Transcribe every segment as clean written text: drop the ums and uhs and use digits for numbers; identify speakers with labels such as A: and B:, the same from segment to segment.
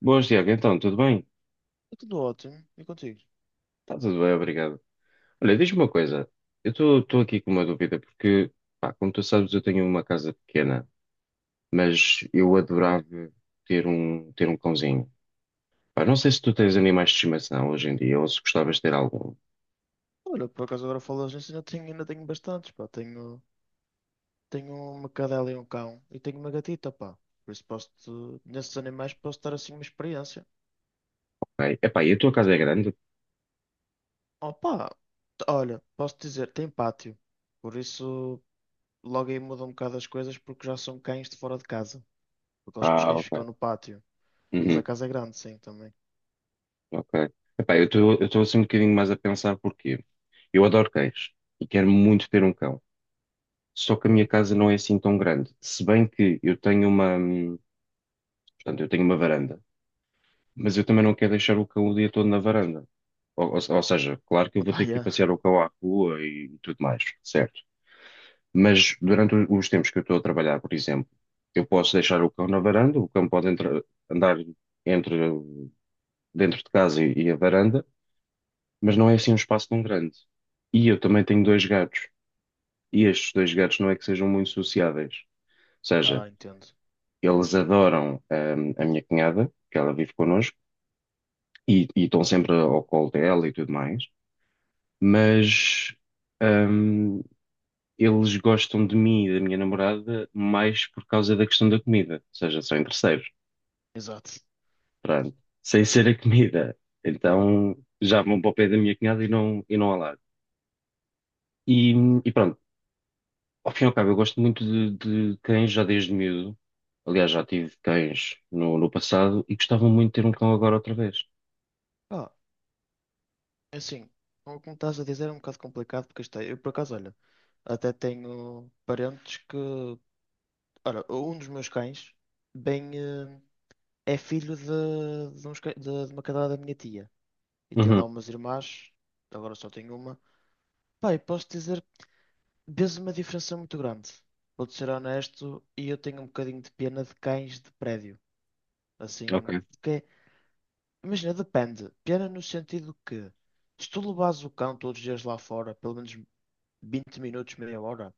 A: Boas, Tiago. Então, tudo bem?
B: Está tudo ótimo. E contigo?
A: Está tudo bem, obrigado. Olha, diz-me uma coisa. Eu estou aqui com uma dúvida, porque, pá, como tu sabes, eu tenho uma casa pequena, mas eu adorava ter um cãozinho. Pá, não sei se tu tens animais de estimação hoje em dia, ou se gostavas de ter algum.
B: Olha, por acaso agora falas nisso, ainda tenho bastantes, pá. Tenho uma cadela e um cão. E tenho uma gatita, pá. Por isso posso-te, nesses animais posso dar assim uma experiência.
A: Ok. Epá, e a tua casa é grande?
B: Oh, pá. Olha, posso dizer, tem pátio. Por isso logo aí muda um bocado as coisas porque já são cães de fora de casa. Porque acho que os
A: Ah,
B: cães ficam
A: ok.
B: no pátio. Mas a
A: Uhum,
B: casa é grande, sim, também.
A: ok. Epá, eu estou assim um bocadinho mais a pensar porque eu adoro cães e quero muito ter um cão. Só que a minha
B: Ok.
A: casa não é assim tão grande. Se bem que eu tenho uma. Portanto, eu tenho uma varanda, mas eu também não quero deixar o cão o dia todo na varanda. Ou seja, claro que eu vou
B: Pá,
A: ter que ir
B: yeah.
A: passear o cão à rua e tudo mais, certo? Mas durante os tempos que eu estou a trabalhar, por exemplo, eu posso deixar o cão na varanda, o cão pode andar entre, dentro de casa e a varanda, mas não é assim um espaço tão grande. E eu também tenho dois gatos, e estes dois gatos não é que sejam muito sociáveis. Ou seja,
B: Ah, entendo.
A: eles adoram, a minha cunhada, que ela vive connosco e estão sempre ao colo dela e tudo mais, mas hum, eles gostam de mim e da minha namorada mais por causa da questão da comida, ou seja, são interesseiros,
B: Exato.
A: pronto, sem ser a comida. Então já vão para o pé da minha cunhada e não ao lado. E, e pronto, ao fim e ao cabo, eu gosto muito de cães já desde miúdo. Aliás, já tive cães no passado e gostava muito de ter um cão agora outra vez.
B: Ah, É assim, como estás a dizer, é um bocado complicado porque isto é, eu por acaso, olha, até tenho parentes que. Ora, um dos meus cães bem, é filho de uns de uma cadela da minha tia. E tem lá
A: Uhum,
B: umas irmãs, agora só tenho uma. Pá, e posso dizer, vês uma diferença muito grande. Vou-te ser honesto, e eu tenho um bocadinho de pena de cães de prédio. Assim,
A: ok.
B: porque, imagina, depende. Pena no sentido que, se tu levas o cão todos os dias lá fora, pelo menos 20 minutos, meia hora.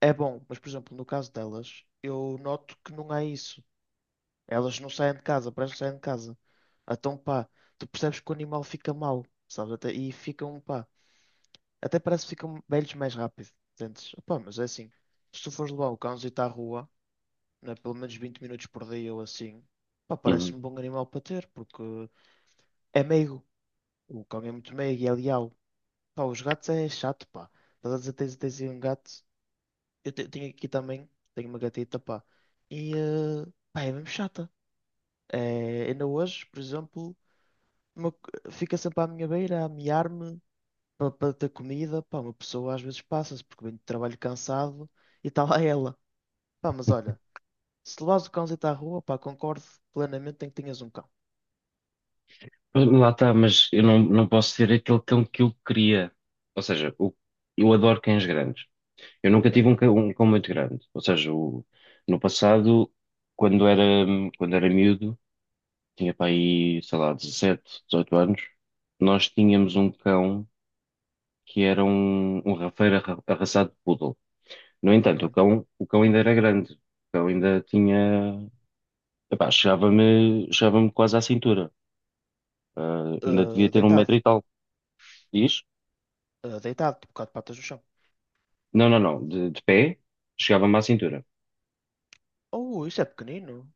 B: É bom, mas por exemplo, no caso delas, eu noto que não é isso. Elas não saem de casa, parece que saem de casa. Então, pá, tu percebes que o animal fica mal, sabes? Até, e ficam, pá, até parece que ficam velhos mais rápido. Entendes? Pá, mas é assim, se tu fores levar o cãozinho à rua, né, pelo menos 20 minutos por dia ou assim, pá,
A: Uhum.
B: parece-me um bom animal para ter, porque é meigo. O cão é muito meigo e é leal. Pá, os gatos é chato, pá. Estás a dizer, tens aí um gato, tenho aqui também, tenho uma gatita, pá. E, pá, é mesmo chata. É, ainda hoje, por exemplo, fica sempre à minha beira a miar-me para ter comida. Pá, uma pessoa às vezes passa-se porque vem de trabalho cansado e está lá ela. Pá, mas olha, se levas o cãozito à rua, pá, concordo plenamente em que tenhas um cão.
A: Lá está, mas eu não posso ter aquele cão que eu queria. Ou seja, eu adoro cães grandes. Eu nunca tive
B: Ok.
A: um cão muito grande. Ou seja, no passado, quando era, quando era miúdo, tinha para aí, sei lá, 17, 18 anos, nós tínhamos um cão que era um rafeiro arraçado de poodle. No entanto, o
B: Ok.
A: cão, o cão ainda era grande. O cão ainda tinha. Epá, chegava-me quase à cintura. Ah, ainda devia
B: Eh,
A: ter um
B: deitado.
A: metro e tal. Diz?
B: Eh, deitado, tipo, quatro patas no chão.
A: Não, não, não. De pé, chegava-me à cintura.
B: Oh, isso é pequenino.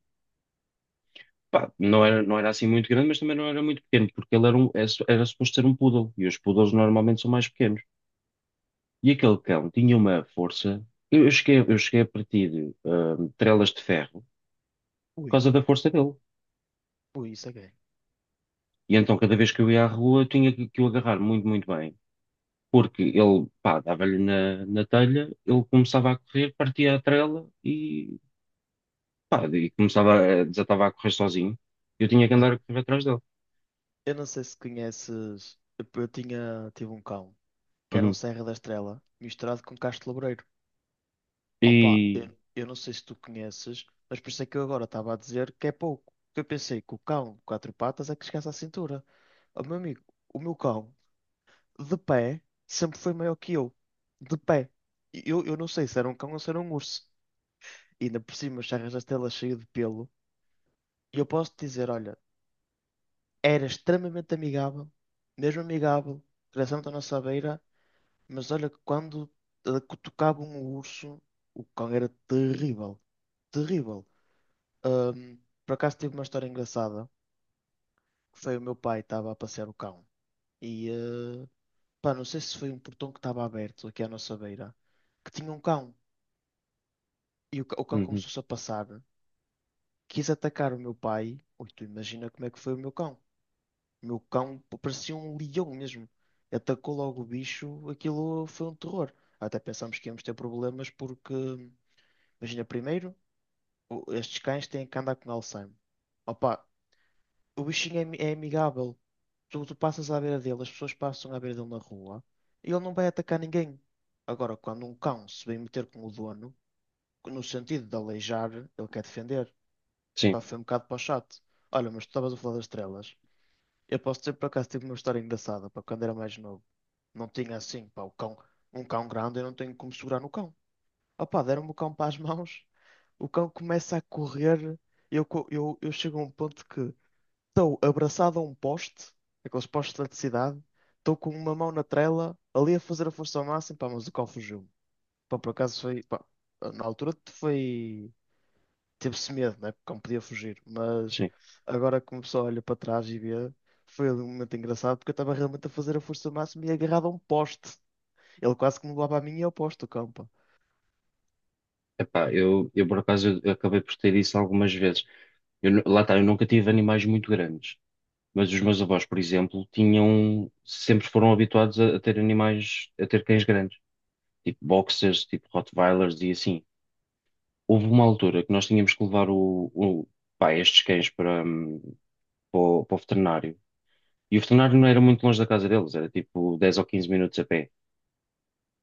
A: Pá, não era assim muito grande, mas também não era muito pequeno, porque ele era suposto ser um poodle, e os poodles normalmente são mais pequenos. E aquele cão tinha uma força. Eu cheguei a partir trelas de ferro por
B: Ui,
A: causa da força dele.
B: ui, isso é gay.
A: E então, cada vez que eu ia à rua, eu tinha que o agarrar muito, muito bem. Porque ele, pá, dava-lhe na telha, ele começava a correr, partia a trela e, pá, e desatava a correr sozinho. Eu tinha que
B: Ah.
A: andar a correr atrás dele.
B: Eu não sei se conheces. Eu tinha, tive um cão. Que era um
A: Uhum.
B: Serra da Estrela misturado com casto laboreiro. Opa,
A: E,
B: eu não sei se tu conheces, mas por isso é que eu agora estava a dizer que é pouco. Eu pensei que o cão de quatro patas é que chegasse à cintura. Oh, meu amigo, o meu cão, de pé, sempre foi maior que eu. De pé. E eu não sei se era um cão ou se era um urso. E ainda por cima, os Serras da Estrela cheio de pelo. E eu posso te dizer, olha, era extremamente amigável, mesmo amigável, crescendo à nossa beira. Mas olha que quando cutucavam o urso, o cão era terrível, terrível. Ahm, por acaso tive uma história engraçada, que foi o meu pai estava a passear o cão. E pá, não sei se foi um portão que estava aberto aqui à nossa beira, que tinha um cão. E o cão
A: uhum,
B: começou-se a passar, quis atacar o meu pai. Ui, tu imagina como é que foi o meu cão. O meu cão parecia um leão mesmo. Atacou logo o bicho, aquilo foi um terror. Até pensámos que íamos ter problemas porque, imagina, primeiro. Estes cães têm que andar com Alzheimer. Opa, o bichinho é amigável. Tu passas à beira dele, as pessoas passam à beira dele na rua e ele não vai atacar ninguém. Agora, quando um cão se vem meter com o dono, no sentido de aleijar, ele quer defender.
A: sim,
B: Pá, foi um bocado para o chato. Olha, mas tu estavas a falar das estrelas. Eu posso dizer por acaso tive uma história engraçada para quando era mais novo. Não tinha assim, pá, o cão, um cão grande, eu não tenho como segurar no cão. Opa, deram-me o cão para as mãos, o cão começa a correr, eu chego a um ponto que estou abraçado a um poste, aqueles postes de eletricidade, estou com uma mão na trela, ali a fazer a força ao máximo, pá, mas o cão fugiu. Pá, na altura foi, teve-se medo, né, porque o cão podia fugir, mas
A: sim.
B: agora que uma pessoa olha para trás e vê, foi ali um momento engraçado, porque eu estava realmente a fazer a força ao máximo e agarrado a um poste. Ele quase que me levava a mim e ao poste, o cão, pá.
A: Epá, eu por acaso eu acabei por ter isso algumas vezes. Lá está, eu nunca tive animais muito grandes, mas os meus avós, por exemplo, tinham, sempre foram habituados a ter animais, a ter cães grandes, tipo boxers, tipo Rottweilers e assim. Houve uma altura que nós tínhamos que levar pá, estes cães para o veterinário. E o veterinário não era muito longe da casa deles, era tipo 10 ou 15 minutos a pé.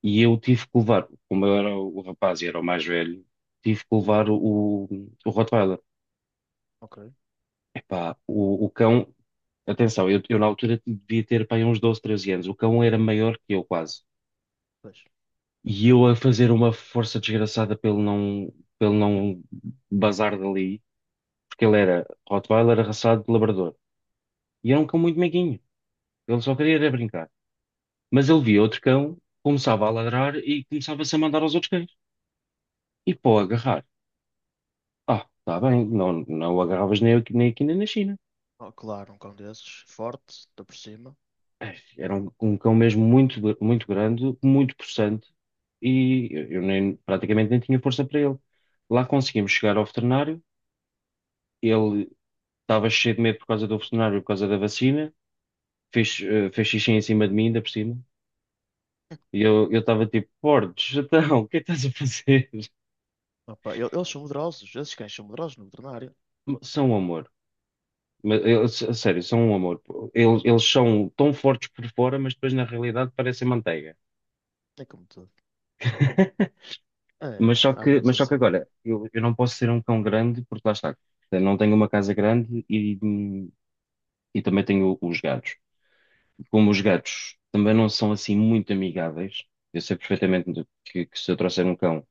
A: E eu tive que levar, como eu era o rapaz e era o mais velho, tive que levar o Rottweiler.
B: Ok,
A: Epá, o cão, atenção, eu na altura devia ter pá, aí uns 12 13 anos. O cão era maior que eu quase.
B: pois.
A: E eu a fazer uma força desgraçada pelo não bazar dali, porque ele era Rottweiler arraçado de labrador. E era um cão muito meiguinho. Ele só queria era brincar. Mas ele via outro cão, começava a ladrar e começava-se a mandar aos outros cães. E pô, agarrar. Ah, está bem, não, não o agarravas nem aqui, nem aqui nem na China.
B: Oh, claro, um cão desses, forte, está por cima.
A: Ai, era um cão mesmo muito, muito grande, muito possante e eu nem, praticamente nem tinha força para ele. Lá conseguimos chegar ao veterinário, ele estava cheio de medo por causa do veterinário, por causa da vacina, fez xixi em cima de mim, ainda por cima, e eu estava tipo, Bordes, então, o que é que estás a fazer?
B: Opa, eles são medrosos, esses cães são medrosos no veterinário.
A: São um amor. Mas, eles, a sério, são um amor. Eles são tão fortes por fora, mas depois na realidade parecem manteiga.
B: É como tudo. É,
A: Mas só
B: há
A: que,
B: muitos
A: mas só que
B: assim, pá.
A: agora, eu não posso ser um cão grande porque lá está. Eu não tenho uma casa grande e também tenho os gatos. Como os gatos também não são assim muito amigáveis, eu sei perfeitamente que se eu trouxer um cão,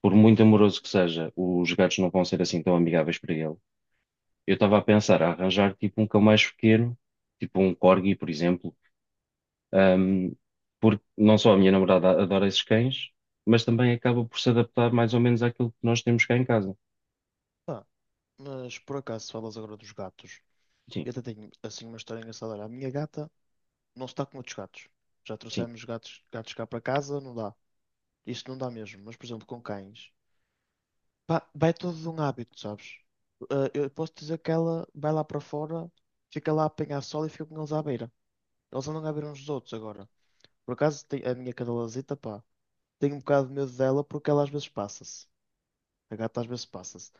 A: por muito amoroso que seja, os gatos não vão ser assim tão amigáveis para ele. Eu estava a pensar a arranjar tipo um cão mais pequeno, tipo um corgi, por exemplo, ahm, porque não só a minha namorada adora esses cães, mas também acaba por se adaptar mais ou menos àquilo que nós temos cá em casa.
B: Pá, mas por acaso falas agora dos gatos. Eu até tenho assim uma história engraçada. Olha, a minha gata não está com outros gatos. Já
A: Sim.
B: trouxemos gatos, gatos cá para casa, não dá. Isto não dá mesmo. Mas, por exemplo, com cães. Pá, vai todo de um hábito, sabes? Ah, eu posso dizer que ela vai lá para fora, fica lá a apanhar sol e fica com eles à beira. Eles andam à beira uns dos outros agora. Por acaso, a minha cadelazita, pá, tenho um bocado de medo dela porque ela às vezes passa-se. A gata às vezes passa-se.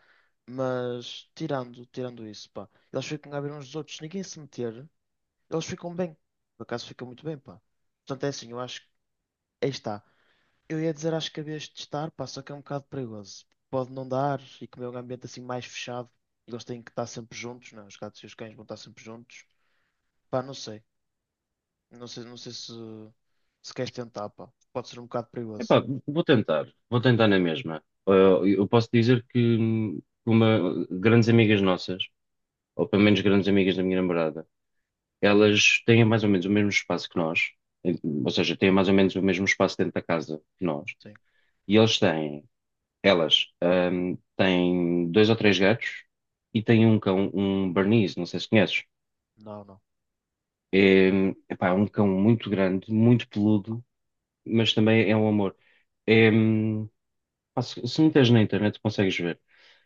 B: Mas tirando isso, pá, eles ficam a ver uns dos outros, ninguém se meter, eles ficam bem. Por acaso ficam muito bem, pá. Portanto, é assim, eu acho que aí está. Eu ia dizer, acho que havias de estar pá, só que é um bocado perigoso. Pode não dar e como é um ambiente assim mais fechado, eles têm que estar sempre juntos, não é? Os gatos e os cães vão estar sempre juntos. Pá, não sei. Não sei se, se queres tentar, pá. Pode ser um bocado perigoso.
A: Epá, vou tentar na mesma. Eu posso dizer que grandes amigas nossas, ou pelo menos grandes amigas da minha namorada, elas têm mais ou menos o mesmo espaço que nós, em- ou seja, têm mais ou menos o mesmo espaço dentro da casa que nós.
B: Sim.
A: E eles têm, elas têm dois ou três gatos e têm um cão, um Bernese, não sei se conheces.
B: Não, não.
A: Epá, é um cão muito grande, muito peludo, mas também é um amor. É, hum, Pá, se meteres na internet, consegues ver.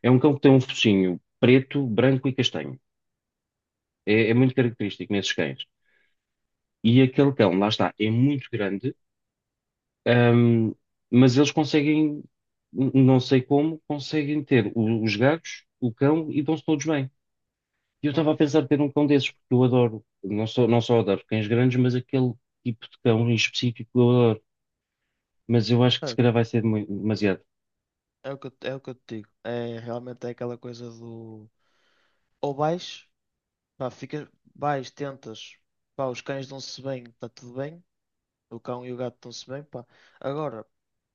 A: É um cão que tem um focinho preto, branco e castanho. É muito característico nesses cães. E aquele cão, lá está, é muito grande, ahm, mas eles conseguem, não sei como, conseguem ter os gatos, o cão e dão-se todos bem. E eu
B: Bom,
A: estava a pensar em ter um cão desses, porque eu adoro, não só adoro cães grandes, mas aquele tipo de cão em específico eu adoro. Mas eu acho que se
B: é,
A: calhar vai ser demasiado.
B: é o que eu te digo. É realmente é aquela coisa do. Ou vais, pá, fica, vais, tentas, pá, os cães dão-se bem, está tudo bem, o cão e o gato dão-se bem, pá. Agora,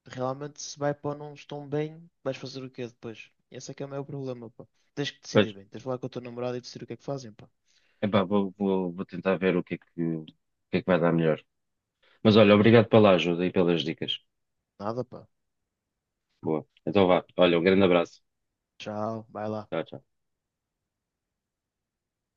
B: realmente se vai para não estão bem, vais fazer o quê depois? Esse é que é o meu problema, pá. Tens que
A: Pois,
B: decidir bem, tens de falar com o teu namorado e decidir o que é que fazem, pá.
A: epá, vou tentar ver o que é que, o que é que vai dar melhor. Mas olha, obrigado pela ajuda e pelas dicas.
B: Nada, pá.
A: Boa. Então vá. Olha, um grande abraço.
B: Tchau, vai lá.
A: Tchau, tchau.